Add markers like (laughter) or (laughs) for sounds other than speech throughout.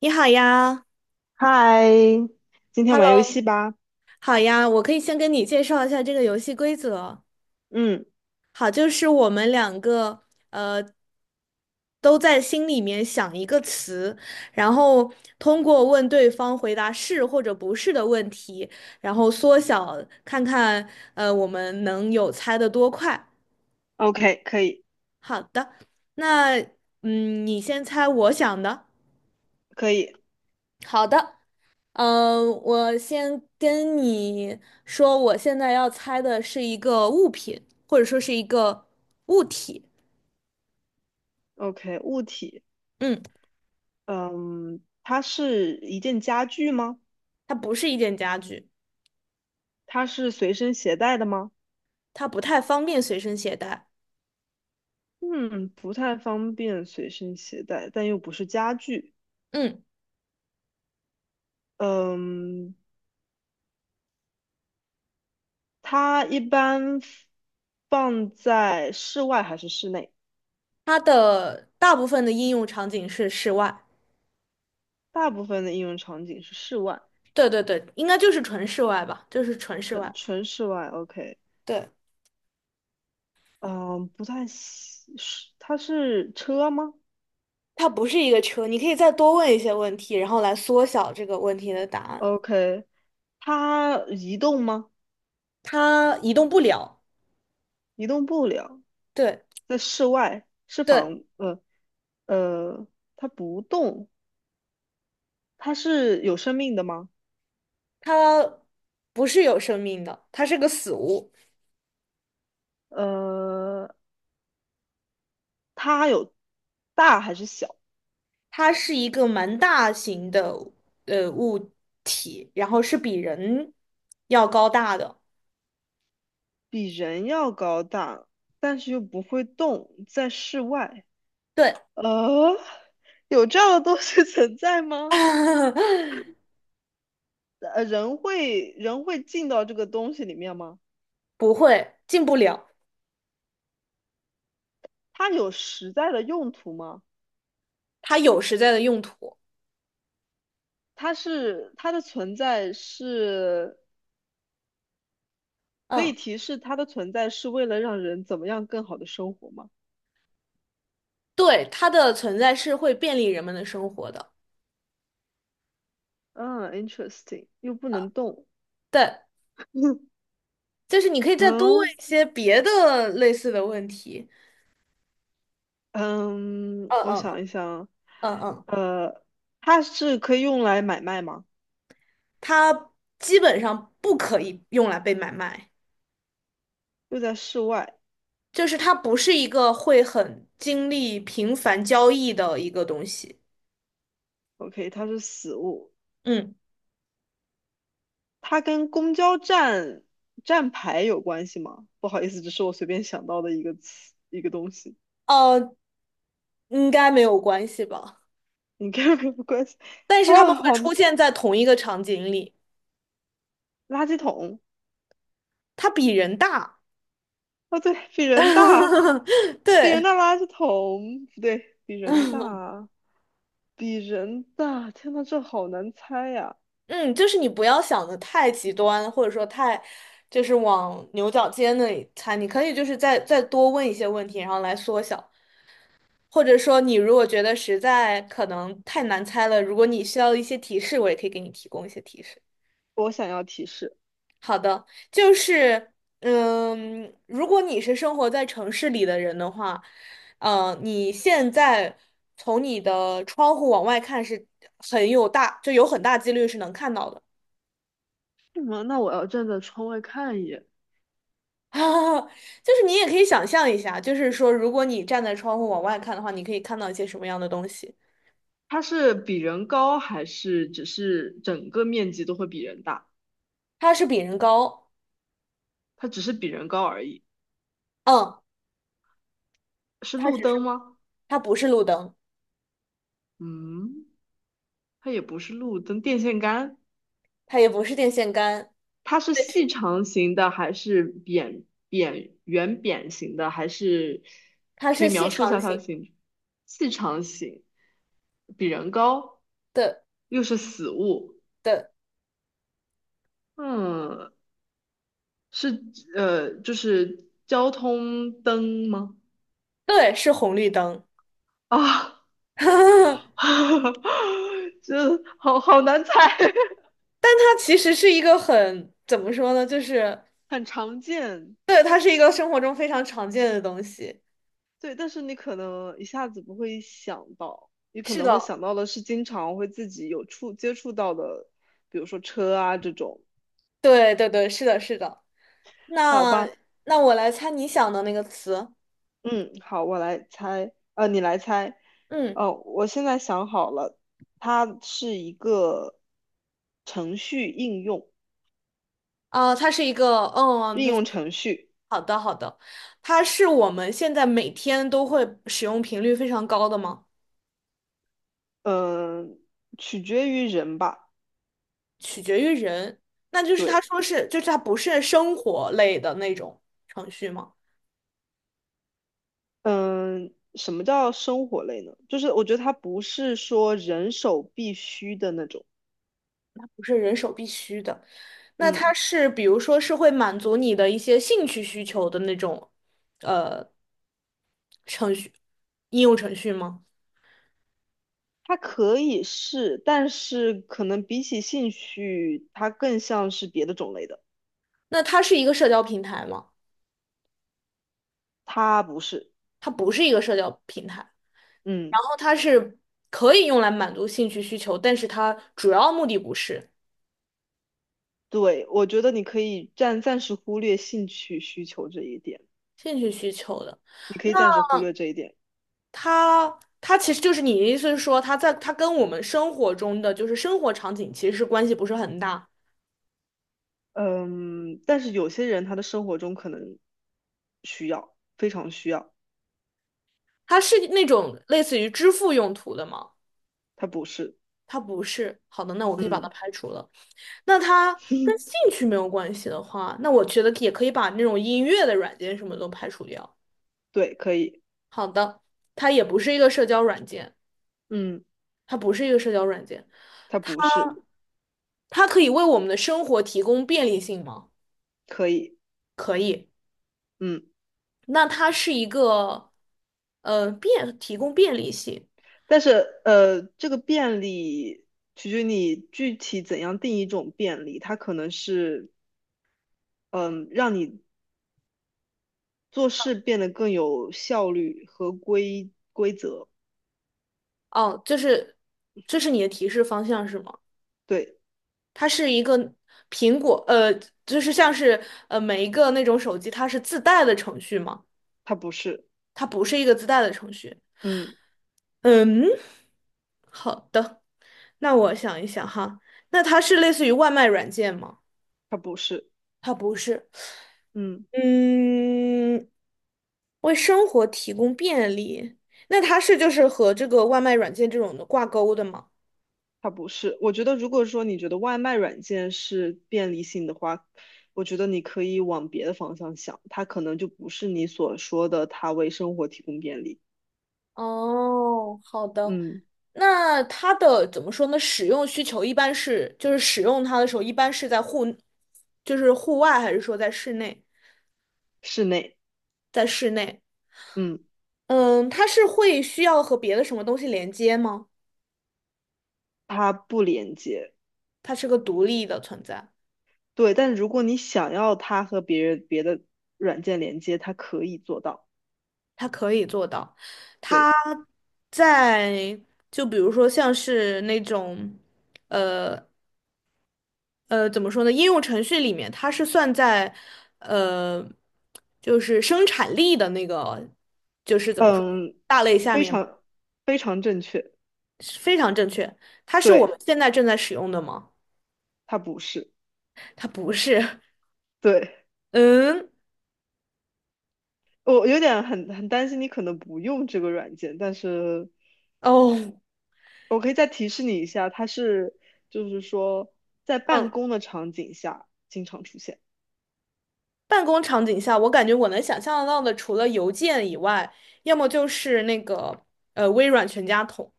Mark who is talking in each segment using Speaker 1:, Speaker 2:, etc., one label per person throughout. Speaker 1: 你好呀
Speaker 2: 嗨，今天玩游
Speaker 1: ，Hello，
Speaker 2: 戏吧。
Speaker 1: 好呀，我可以先跟你介绍一下这个游戏规则。
Speaker 2: 嗯
Speaker 1: 好，就是我们两个呃都在心里面想一个词，然后通过问对方回答是或者不是的问题，然后缩小看看我们能有猜的多快。
Speaker 2: ，OK，可以，
Speaker 1: 好的，那嗯，你先猜我想的。
Speaker 2: 可以
Speaker 1: 好的。我先跟你说，我现在要猜的是一个物品，或者说是一个物体。
Speaker 2: ，OK。物体，
Speaker 1: 嗯，
Speaker 2: 嗯，它是一件家具吗？
Speaker 1: 它不是一件家具，
Speaker 2: 它是随身携带的吗？
Speaker 1: 它不太方便随身携带。
Speaker 2: 嗯，不太方便随身携带，但又不是家具。
Speaker 1: 嗯，
Speaker 2: 嗯，它一般放在室外还是室内？
Speaker 1: 它的大部分的应用场景是室外。
Speaker 2: 大部分的应用场景是室外，
Speaker 1: 对对对，应该就是纯室外吧，就是纯室
Speaker 2: 纯
Speaker 1: 外。
Speaker 2: 纯室外。OK，
Speaker 1: 对，
Speaker 2: 嗯，不太喜，是它是车吗？
Speaker 1: 它不是一个车，你可以再多问一些问题，然后来缩小这个问题的答案。
Speaker 2: OK，它移动吗？
Speaker 1: 它移动不了。
Speaker 2: 移动不了，
Speaker 1: 对。
Speaker 2: 在室外是
Speaker 1: 对，
Speaker 2: 房，呃呃，它不动，它是有生命的吗？
Speaker 1: 它不是有生命的，它是个死物，
Speaker 2: 呃，它有大还是小？
Speaker 1: 它是一个蛮大型的物体，然后是比人要高大的。
Speaker 2: 比人要高大，但是又不会动，在室外。
Speaker 1: 对，
Speaker 2: 呃，有这样的东西 (laughs) 存在吗？
Speaker 1: (laughs)
Speaker 2: 人会进到这个东西里面吗？
Speaker 1: 不会，进不了，
Speaker 2: 它有实在的用途吗？
Speaker 1: 它有实在的用途。
Speaker 2: 它是它的存在是可
Speaker 1: 嗯，
Speaker 2: 以提示它的存在是为了让人怎么样更好的生活吗？
Speaker 1: 对，它的存在是会便利人们的生活的。
Speaker 2: 嗯，interesting，又不能动。
Speaker 1: 对，
Speaker 2: (laughs)
Speaker 1: 就是你可以再多问
Speaker 2: 嗯
Speaker 1: 一些别的类似的问题。
Speaker 2: 嗯，
Speaker 1: 嗯
Speaker 2: 我
Speaker 1: 嗯嗯，
Speaker 2: 想一想，
Speaker 1: 嗯嗯，
Speaker 2: 呃，它是可以用来买卖吗？
Speaker 1: 它基本上不可以用来被买卖。
Speaker 2: 又在室外
Speaker 1: 就是它不是一个会很经历频繁交易的一个东西。
Speaker 2: ，OK，它是死物，
Speaker 1: 嗯，
Speaker 2: 它跟公交站站牌有关系吗？不好意思，只是我随便想到的一个词，一个东西，
Speaker 1: 呃，应该没有关系吧？
Speaker 2: 应该没有关系。
Speaker 1: 但是他们
Speaker 2: 啊，
Speaker 1: 会
Speaker 2: 好，
Speaker 1: 出
Speaker 2: 垃
Speaker 1: 现在同一个场景里，
Speaker 2: 圾桶。
Speaker 1: 它比人大。
Speaker 2: 哦，对，比人大，
Speaker 1: (laughs)
Speaker 2: 比人
Speaker 1: 对，
Speaker 2: 大垃圾桶，不对，比人大，比人大，天呐，这好难猜呀！
Speaker 1: 嗯，就是你不要想的太极端，或者说太，就是往牛角尖那里猜。你可以就是再多问一些问题，然后来缩小。或者说，你如果觉得实在可能太难猜了，如果你需要一些提示，我也可以给你提供一些提示。
Speaker 2: 我想要提示，
Speaker 1: 好的，就是，嗯，如果你是生活在城市里的人的话，你现在从你的窗户往外看是很有大，就有很大几率是能看到的。
Speaker 2: 什么？那我要站在窗外看一眼，
Speaker 1: (laughs) 就是你也可以想象一下，就是说，如果你站在窗户往外看的话，你可以看到一些什么样的东西？
Speaker 2: 它是比人高还是只是整个面积都会比人大？
Speaker 1: 它是比人高，
Speaker 2: 它只是比人高而已，
Speaker 1: 嗯，
Speaker 2: 是
Speaker 1: 它
Speaker 2: 路
Speaker 1: 只
Speaker 2: 灯
Speaker 1: 是，
Speaker 2: 吗？
Speaker 1: 它不是路灯，
Speaker 2: 嗯，它也不是路灯，电线杆。
Speaker 1: 它也不是电线杆，
Speaker 2: 它是细长型的还是扁扁圆扁型的？还是
Speaker 1: 它
Speaker 2: 可以
Speaker 1: 是细
Speaker 2: 描述一
Speaker 1: 长
Speaker 2: 下它的
Speaker 1: 型
Speaker 2: 形状？细长型，比人高，
Speaker 1: 的
Speaker 2: 又是死物。
Speaker 1: 的，
Speaker 2: 嗯，是就是交通灯吗？
Speaker 1: 对，是红绿灯。
Speaker 2: 啊，
Speaker 1: (laughs)
Speaker 2: (laughs) 这好好难猜，
Speaker 1: 但它其实是一个很，怎么说呢？就是，
Speaker 2: (laughs) 很常见。
Speaker 1: 对，它是一个生活中非常常见的东西。
Speaker 2: 对，但是你可能一下子不会想到，你可
Speaker 1: 是
Speaker 2: 能会
Speaker 1: 的，
Speaker 2: 想到的是经常会自己有接触到的，比如说车啊这种，
Speaker 1: 对对对，是的，是的。
Speaker 2: 好
Speaker 1: 那
Speaker 2: 吧？
Speaker 1: 那我来猜你想的那个词。
Speaker 2: 嗯，好，我来猜，你来猜，
Speaker 1: 嗯，
Speaker 2: 哦，我现在想好了，它是一个程序应用，
Speaker 1: 啊、它是一个，嗯，
Speaker 2: 应
Speaker 1: 它是
Speaker 2: 用程序，
Speaker 1: 好的好的，它是我们现在每天都会使用频率非常高的吗？
Speaker 2: 嗯、取决于人吧，
Speaker 1: 取决于人。那就是他
Speaker 2: 对，
Speaker 1: 说是，就是它不是生活类的那种程序吗？
Speaker 2: 嗯、什么叫生活类呢？就是我觉得它不是说人手必须的那种，
Speaker 1: 不是人手必须的。那它
Speaker 2: 嗯。
Speaker 1: 是比如说是会满足你的一些兴趣需求的那种呃程序应用程序吗？
Speaker 2: 它可以是，但是可能比起兴趣，它更像是别的种类的。
Speaker 1: 那它是一个社交平台吗？
Speaker 2: 他不是，
Speaker 1: 它不是一个社交平台，
Speaker 2: 嗯，
Speaker 1: 然后它是可以用来满足兴趣需求，但是它主要目的不是
Speaker 2: 对，我觉得你可以暂时忽略兴趣需求这一点，
Speaker 1: 兴趣需求的。
Speaker 2: 你可
Speaker 1: 那
Speaker 2: 以暂时忽略这一点。
Speaker 1: 它其实就是你的意思是说，它在它跟我们生活中的就是生活场景其实是关系不是很大，
Speaker 2: 嗯，但是有些人他的生活中可能需要，非常需要，
Speaker 1: 它是那种类似于支付用途的吗？
Speaker 2: 他不是，
Speaker 1: 它不是。好的，那我可以把它
Speaker 2: 嗯，
Speaker 1: 排除了。那它跟兴
Speaker 2: (laughs)
Speaker 1: 趣没有关系的话，那我觉得也可以把那种音乐的软件什么都排除掉。
Speaker 2: 对，可以，
Speaker 1: 好的，它也不是一个社交软件，
Speaker 2: 嗯，
Speaker 1: 它不是一个社交软件，
Speaker 2: 他
Speaker 1: 它
Speaker 2: 不是，
Speaker 1: 它可以为我们的生活提供便利性吗？
Speaker 2: 可以，
Speaker 1: 可以。
Speaker 2: 嗯。
Speaker 1: 那它是一个，便提供便利性。
Speaker 2: 但是这个便利取决于你具体怎样定义一种便利，它可能是嗯让你做事变得更有效率和规则，
Speaker 1: 哦，就是这是你的提示方向是吗？
Speaker 2: 对，
Speaker 1: 它是一个苹果，呃，就是像是每一个那种手机，它是自带的程序吗？
Speaker 2: 它不是，
Speaker 1: 它不是一个自带的程序。
Speaker 2: 嗯，
Speaker 1: 嗯，好的，那我想一想哈，那它是类似于外卖软件吗？
Speaker 2: 它不是，
Speaker 1: 它不是。
Speaker 2: 嗯，
Speaker 1: 嗯，为生活提供便利，那它是就是和这个外卖软件这种的挂钩的吗？
Speaker 2: 它不是。我觉得如果说你觉得外卖软件是便利性的话，我觉得你可以往别的方向想，它可能就不是你所说的它为生活提供便利，
Speaker 1: 哦，好的。
Speaker 2: 嗯，
Speaker 1: 那它的怎么说呢？使用需求一般是，就是使用它的时候，一般是在户，就是户外，还是说在室内？
Speaker 2: 室内，
Speaker 1: 在室内，
Speaker 2: 嗯，
Speaker 1: 嗯，它是会需要和别的什么东西连接吗？
Speaker 2: 它不连接。
Speaker 1: 它是个独立的存在，
Speaker 2: 对，但如果你想要它和别人别的软件连接，它可以做到。
Speaker 1: 它可以做到。它
Speaker 2: 对，
Speaker 1: 在，就比如说像是那种，呃怎么说呢？应用程序里面它是算在，呃，就是生产力的那个，就是怎么说，
Speaker 2: 嗯，
Speaker 1: 大类下
Speaker 2: 非
Speaker 1: 面嘛，
Speaker 2: 常非常正确。
Speaker 1: 是非常正确。它是我们
Speaker 2: 对，
Speaker 1: 现在正在使用的吗？
Speaker 2: 它不是。
Speaker 1: 它不是。
Speaker 2: 对，
Speaker 1: (laughs) 嗯，
Speaker 2: 我有点很担心你可能不用这个软件，但是
Speaker 1: 哦，
Speaker 2: 我可以再提示你一下，就是说在办
Speaker 1: 嗯，
Speaker 2: 公的场景下经常出现。
Speaker 1: 办公场景下，我感觉我能想象得到的，除了邮件以外，要么就是那个微软全家桶，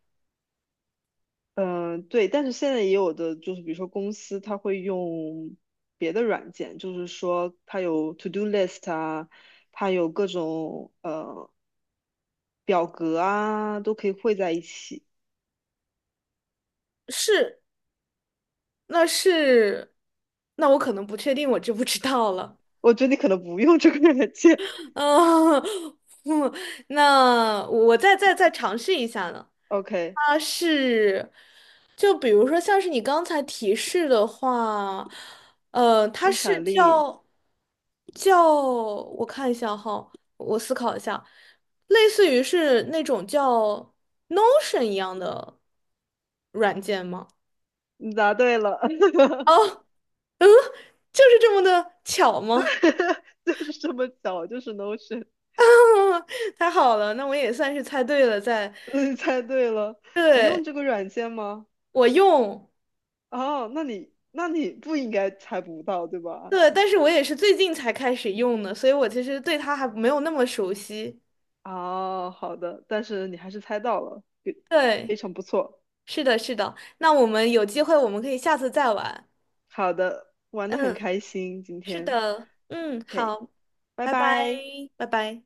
Speaker 2: 嗯，对，但是现在也有的就是，比如说公司它会用别的软件，就是说它有 to do list 啊，它有各种表格啊，都可以汇在一起。
Speaker 1: 是，那是，那我可能不确定，我知不知道了。
Speaker 2: 我觉得你可能不用这个软件。
Speaker 1: 嗯，(laughs) 那我再再尝试一下呢。
Speaker 2: (laughs) OK，
Speaker 1: 它是，就比如说像是你刚才提示的话，它
Speaker 2: 生
Speaker 1: 是
Speaker 2: 产力，
Speaker 1: 叫叫，我看一下哈，我思考一下，类似于是那种叫 Notion 一样的软件吗？
Speaker 2: 你答对了，
Speaker 1: 哦，嗯，就是这么的巧吗？
Speaker 2: (laughs) 就是这么巧，就是 Notion，
Speaker 1: (laughs) 太好了，那我也算是猜对了，在
Speaker 2: 嗯你猜对了。你用
Speaker 1: 对。
Speaker 2: 这个软件吗？
Speaker 1: 我用，
Speaker 2: 哦，那你不应该猜不到，对吧？
Speaker 1: 对，但是我也是最近才开始用的，所以我其实对它还没有那么熟悉。
Speaker 2: 哦，好的，但是你还是猜到了，非非
Speaker 1: 对，
Speaker 2: 常不错。
Speaker 1: 是的，是的。那我们有机会，我们可以下次再玩。
Speaker 2: 好的，玩的很
Speaker 1: 嗯，
Speaker 2: 开心，今
Speaker 1: 是
Speaker 2: 天
Speaker 1: 的，嗯，
Speaker 2: ，OK，
Speaker 1: 好，
Speaker 2: 拜
Speaker 1: 拜拜，
Speaker 2: 拜。
Speaker 1: 拜拜。